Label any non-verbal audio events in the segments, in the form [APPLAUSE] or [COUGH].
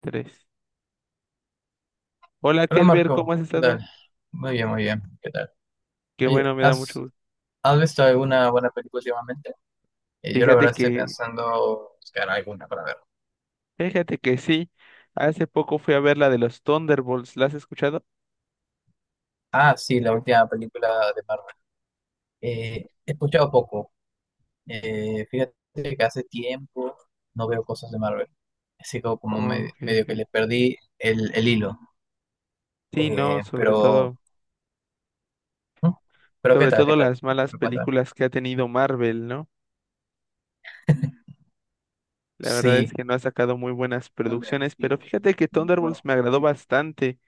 Tres. Hola, Hola Kelber, ¿cómo Marco, has ¿qué estado? tal? Muy bien, ¿qué tal? Qué Oye, bueno, me da mucho gusto. ¿has visto alguna buena película últimamente? Yo la Fíjate verdad estoy que, pensando buscar alguna para ver. fíjate que sí. Hace poco fui a ver la de los Thunderbolts. ¿La has escuchado? Ah, sí, la última película de Marvel. He escuchado poco. Fíjate que hace tiempo no veo cosas de Marvel. Así Ok, medio que ok. le perdí el hilo. Sí, no, Pero, ¿hmm? Pero ¿qué sobre tal? ¿Qué todo tal? las malas ¿Me cuentas? películas que ha tenido Marvel, ¿no? La verdad es Sí. que no ha sacado muy buenas ¿Dónde? producciones, pero fíjate que Thunderbolts No. me agradó bastante.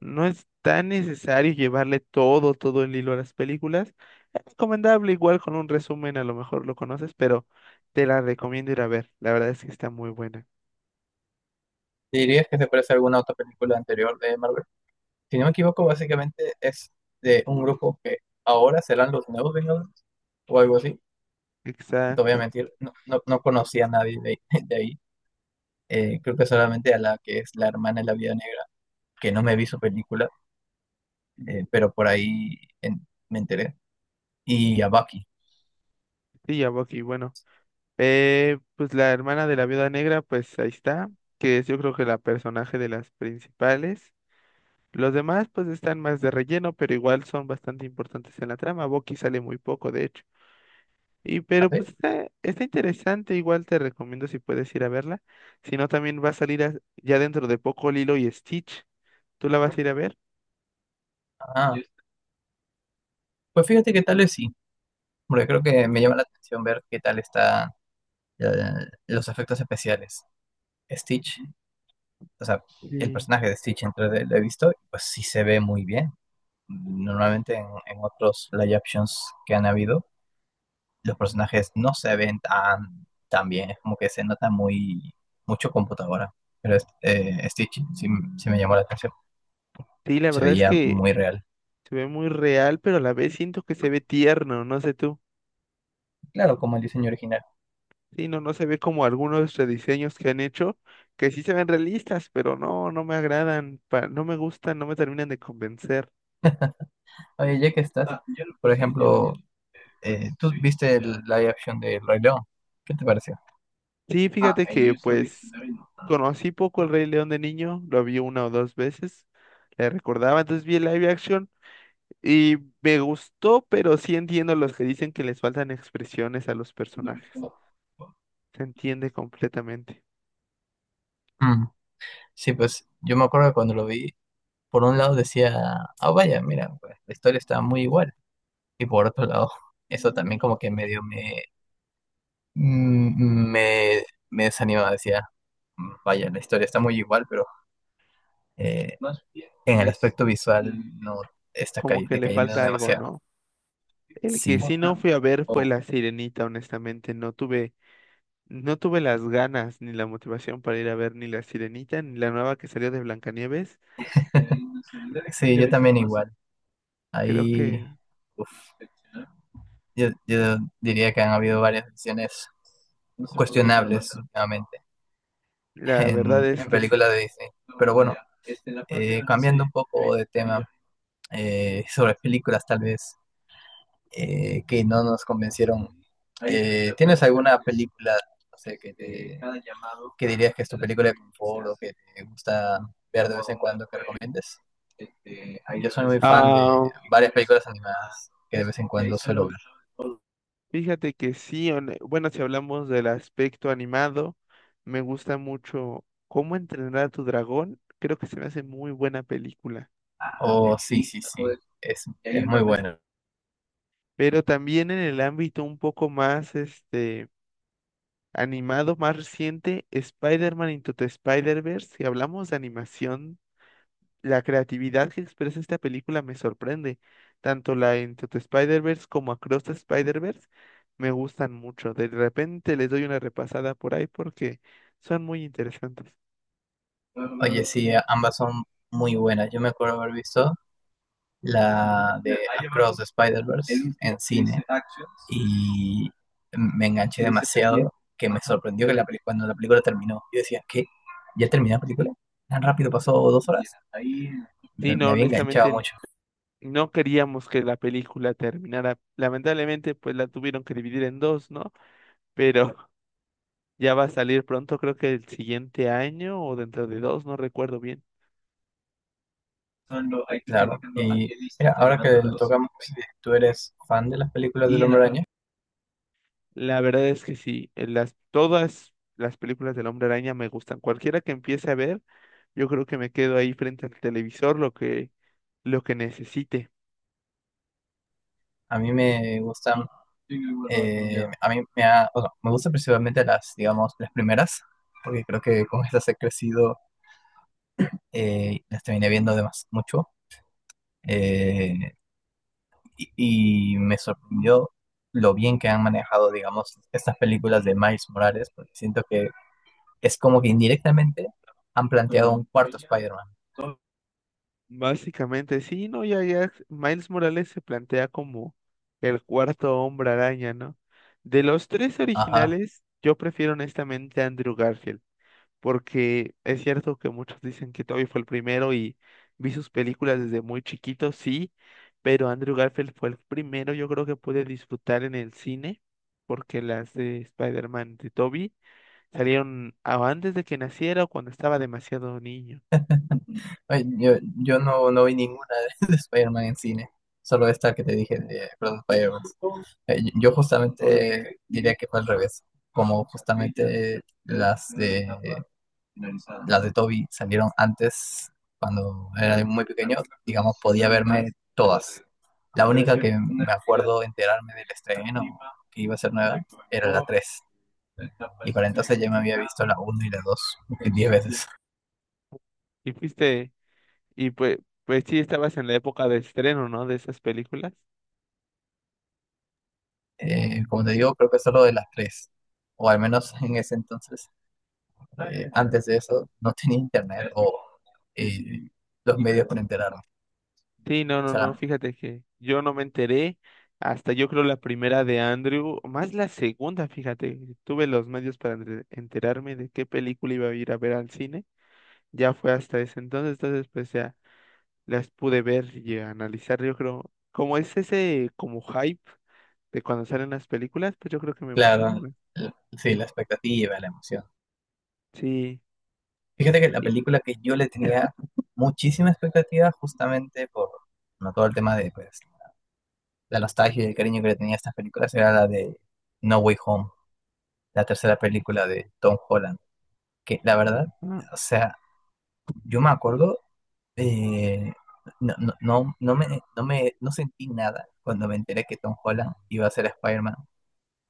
No es tan necesario llevarle todo el hilo a las películas. Es recomendable, igual con un resumen, a lo mejor lo conoces, pero te la recomiendo ir a ver. La verdad es que está muy buena. ¿Dirías que se parece a alguna otra película anterior de Marvel? Si no me equivoco, básicamente es de un grupo que ahora serán los nuevos Vengadores o algo así. No te voy a Exacto. mentir, no conocía a nadie [LAUGHS] de ahí. Creo que solamente a la que es la hermana de la Vida Negra, que no me vi su película, pero me enteré. Y a Bucky. Sí, ya Bucky, bueno. Pues la hermana de la viuda negra, pues ahí está, que es yo creo que la personaje de las principales. Los demás pues están más de relleno, pero igual son bastante importantes en la trama. Bucky sale muy poco, de hecho. Y ¿Ah, pero sí? pues está interesante, igual te recomiendo si puedes ir a verla. Si no, también va a salir ya dentro de poco Lilo y Stitch. ¿Tú la vas a ir a ver? Ah, pues fíjate que tal es sí, porque creo que me llama la atención ver qué tal están los efectos especiales. Stitch o sea, el Sí. personaje de Stitch entre lo he visto, pues sí se ve muy bien. Normalmente en otros live actions que han habido, los personajes no se ven tan bien, es como que se nota mucho computadora. Stitch sí, sí me llamó la atención, Sí, la se verdad es veía que muy real. se ve muy real, pero a la vez siento que se ve tierno, no sé tú. Claro, como el diseño original. Sí, no, no se ve como algunos rediseños que han hecho, que sí se ven realistas, pero no, no me agradan, no me gustan, no me terminan de convencer. Oye, ya que estás, por ejemplo, tú viste el live action de El Rey León, ¿qué te pareció? Sí, fíjate que pues conocí poco el Rey León de niño, lo vi una o dos veces, le recordaba, entonces vi el live action y me gustó, pero sí entiendo los que dicen que les faltan expresiones a los personajes. Se entiende completamente, Mm, Sí, pues yo me acuerdo que cuando lo vi, por un lado decía, ah, vaya, mira, pues, la historia está muy igual. Y por otro lado, [LAUGHS] eso también como que medio me, mm, me desanimaba, decía, Vaya, la historia está muy igual, pero eh, en el aspecto visual no está como que le decayendo falta algo, demasiado". ¿no? El que Sí, sí no fui a ver fue La Sirenita, honestamente, no tuve las ganas ni la motivación para ir a ver ni La Sirenita ni la nueva que salió de Blancanieves. [LAUGHS] sí, yo también igual. Creo que Ahí yo diría que han habido varias decisiones cuestionables últimamente la verdad es en que sí. películas de Disney. Pero bueno, cambiando un poco de tema, sobre películas tal vez que no nos convencieron. ¿Tienes alguna película, no sé, que dirías que es tu película de confort o que te gusta ver de vez en cuando que recomiendes? Yo soy muy fan de varias películas animadas que de vez en cuando suelo ver. Fíjate que sí, bueno, si hablamos del aspecto animado, me gusta mucho Cómo entrenar a tu dragón, creo que se me hace muy buena película, Oh, sí, sí, sí, es muy bueno. pero también en el ámbito un poco más animado, más reciente, Spider-Man Into the Spider-Verse, si hablamos de animación. La creatividad que expresa esta película me sorprende. Tanto la Into the Spider-Verse como Across the Spider-Verse me gustan mucho. De repente les doy una repasada por ahí porque son muy interesantes. Oye, sí, ambas son muy buenas. Yo me acuerdo haber visto la de Across the Spider-Verse en cine y me enganché demasiado que me sorprendió que cuando la película terminó, yo decía, ¿qué? ¿Ya terminó la película? ¿Tan rápido pasó Sí, dos horas? Sí, Me no, había enganchado honestamente mucho. no queríamos que la película terminara. Lamentablemente, pues la tuvieron que dividir en dos, ¿no? Pero [LAUGHS] ya va a salir pronto, creo que el siguiente año o dentro de dos, no recuerdo bien. Claro. Y mira, ahora que lo tocamos, tú eres fan de las películas del Hombre Araña. La verdad es que sí, todas las películas del Hombre Araña me gustan. Cualquiera que empiece a ver, yo creo que me quedo ahí frente al televisor lo que necesite. A mí me gustan, a mí me, ha, o sea, me gustan principalmente digamos, las primeras, porque creo que con estas he crecido, las terminé viendo además mucho, eh, y me sorprendió lo bien que han manejado, digamos, estas películas de Miles Morales, porque siento que es como que indirectamente han planteado un cuarto Spider-Man. Básicamente, sí, no, ya, Miles Morales se plantea como el cuarto Hombre Araña, ¿no? De los tres Ajá. originales, yo prefiero honestamente a Andrew Garfield, porque es cierto que muchos dicen que Toby fue el primero y vi sus películas desde muy chiquito, sí, pero Andrew Garfield fue el primero, yo creo que pude disfrutar en el cine, porque las de Spider-Man de Toby salieron antes de que naciera o cuando estaba demasiado niño. Ay, yo no vi ninguna [LAUGHS] de Spider-Man en cine, solo esta que te dije de Across the Spider-Verse. Yo justamente diría que fue al revés, como justamente las de Toby salieron antes, cuando era muy pequeño, digamos, podía verme todas. La única que me acuerdo enterarme del estreno, que iba a ser nueva, era la tres. Y para entonces ya me había visto la uno y la 2 10 veces. Y fuiste, y pues, pues sí, estabas en la época de estreno, ¿no? De esas películas. Como te digo, creo que solo de las tres, o al menos en ese entonces, antes de eso no tenía internet o eh, los medios para enterarme. Sí, O sea, fíjate que yo no me enteré hasta yo creo la primera de Andrew, más la segunda, fíjate, tuve los medios para enterarme de qué película iba a ir a ver al cine, ya fue hasta ese entonces, entonces pues ya las pude ver y analizar, yo creo, como es ese como hype de cuando salen las películas, pues yo creo que me emocioné claro, más. sí, la expectativa, la emoción. Sí, Fíjate que la y- película que yo le tenía muchísima expectativa justamente por, bueno, todo el tema de pues, la nostalgia y el cariño que le tenía a estas películas era la de No Way Home, la tercera película de Tom Holland, que la verdad, ah, o sea, yo me acuerdo, eh, no, no, no, no me, no sentí nada cuando me enteré que Tom Holland iba a ser Spider-Man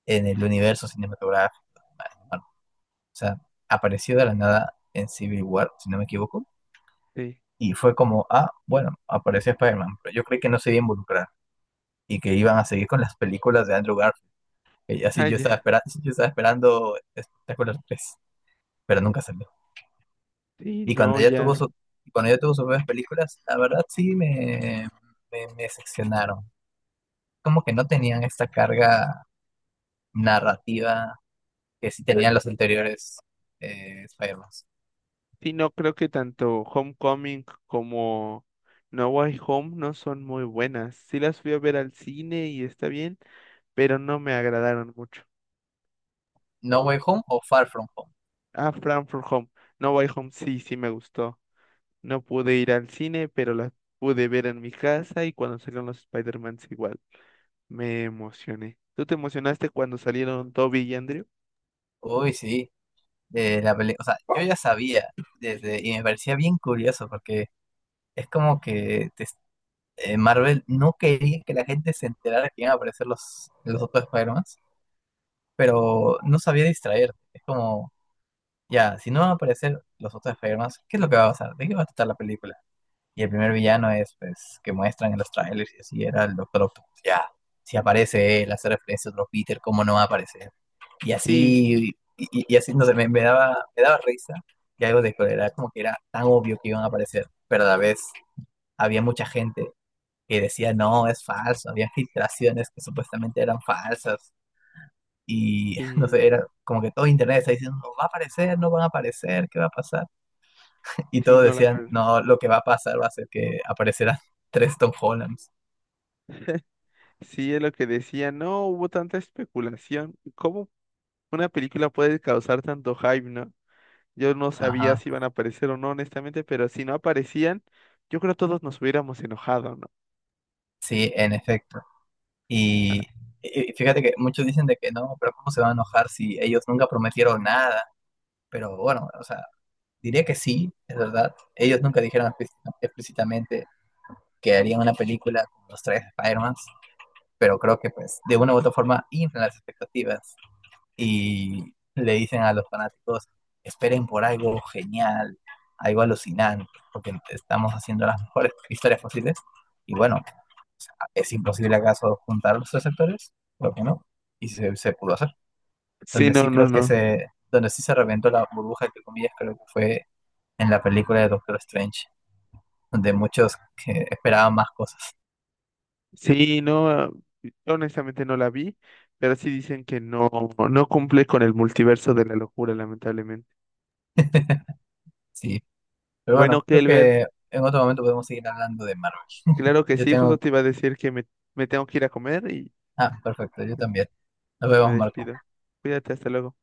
en el universo cinematográfico. Bueno, o sea, apareció de la nada en Civil War, si no me equivoco. sí, Y fue como, ah, bueno, apareció Spider-Man, pero yo creí que no se iba a involucrar y que iban a seguir con las películas de Andrew Garfield. Y [LAUGHS] así ah, yo estaba ya, esperando, Espectacular 3, pero nunca salió. sí, Y cuando no, ya tuvo ya. su, cuando ya tuvo sus nuevas películas, la verdad me decepcionaron. Como que no tenían esta carga narrativa que sí tenían los anteriores Spider-Man. Sí, no creo que tanto Homecoming como No Way Home no son muy buenas. Sí las fui a ver al cine y está bien, pero no me agradaron mucho. ¿No Way Home o Far From Home? Ah, Frankfurt Home. No Way Home sí, sí me gustó. No pude ir al cine, pero las pude ver en mi casa y cuando salieron los Spider-Mans igual. Me emocioné. ¿Tú te emocionaste cuando salieron Toby y Andrew? Uy, sí. O sea, yo ya sabía desde, y me parecía bien curioso porque Es como que te- Marvel no quería que la gente se enterara que iban a aparecer los otros Spider-Man, pero no sabía distraer. Es como, ya, si no van a aparecer los otros Spider-Man, ¿qué es lo que va a pasar? ¿De qué va a tratar la película? Y el primer villano es, pues, que muestran en los trailers y así, era el Doctor Octopus. Ya, si aparece él, hace referencia a otro Peter, ¿cómo no va a aparecer? Y Sí, así, y así, no sé, me daba risa y algo de cólera, como que era tan obvio que iban a aparecer, pero a la vez había mucha gente que decía, no, es falso, había filtraciones que supuestamente eran falsas. Y [LAUGHS] no sé, sí, era como que todo internet está diciendo, no va a aparecer, no van a aparecer, ¿qué va a pasar? Y sí, todos no decían, la... no, lo que va a pasar va a ser que aparecerán [LAUGHS] tres Tom Hollands. Sí, es lo que decía. No hubo tanta especulación. ¿Cómo una película puede causar tanto hype, no? Yo no sabía Ajá, si iban a aparecer o no, honestamente, pero si no aparecían, yo creo que todos nos hubiéramos enojado, ¿no? sí, en efecto. Y, fíjate que muchos dicen de que no, pero ¿cómo se van a enojar si ellos nunca prometieron nada? Pero bueno, o sea, diría que sí, es verdad. Ellos nunca dijeron explícitamente que harían una película con los tres Spider-Mans, pero creo que pues de una u otra forma inflan las expectativas y le dicen a los fanáticos, esperen por algo genial, algo alucinante, porque estamos haciendo las mejores [LAUGHS] historias posibles. Y bueno, ¿es imposible acaso juntar los tres sectores? Creo que no. Y se pudo hacer. Sí, no, no, no. Donde sí se reventó la burbuja, entre comillas, creo que fue en la película de Doctor Strange, donde muchos que esperaban más cosas. Sí, no, ah, yo honestamente no la vi, pero sí dicen que no, no cumple con el multiverso de la locura, lamentablemente. Sí, pero Bueno, bueno, creo Kelber, que en otro momento podemos seguir hablando de Marvel. [LAUGHS] claro que Yo sí, justo tengo... te iba a decir que me tengo que ir a comer y Ah, perfecto, yo también. Nos pues me vemos, Marco. despido. Cuídate, hasta luego.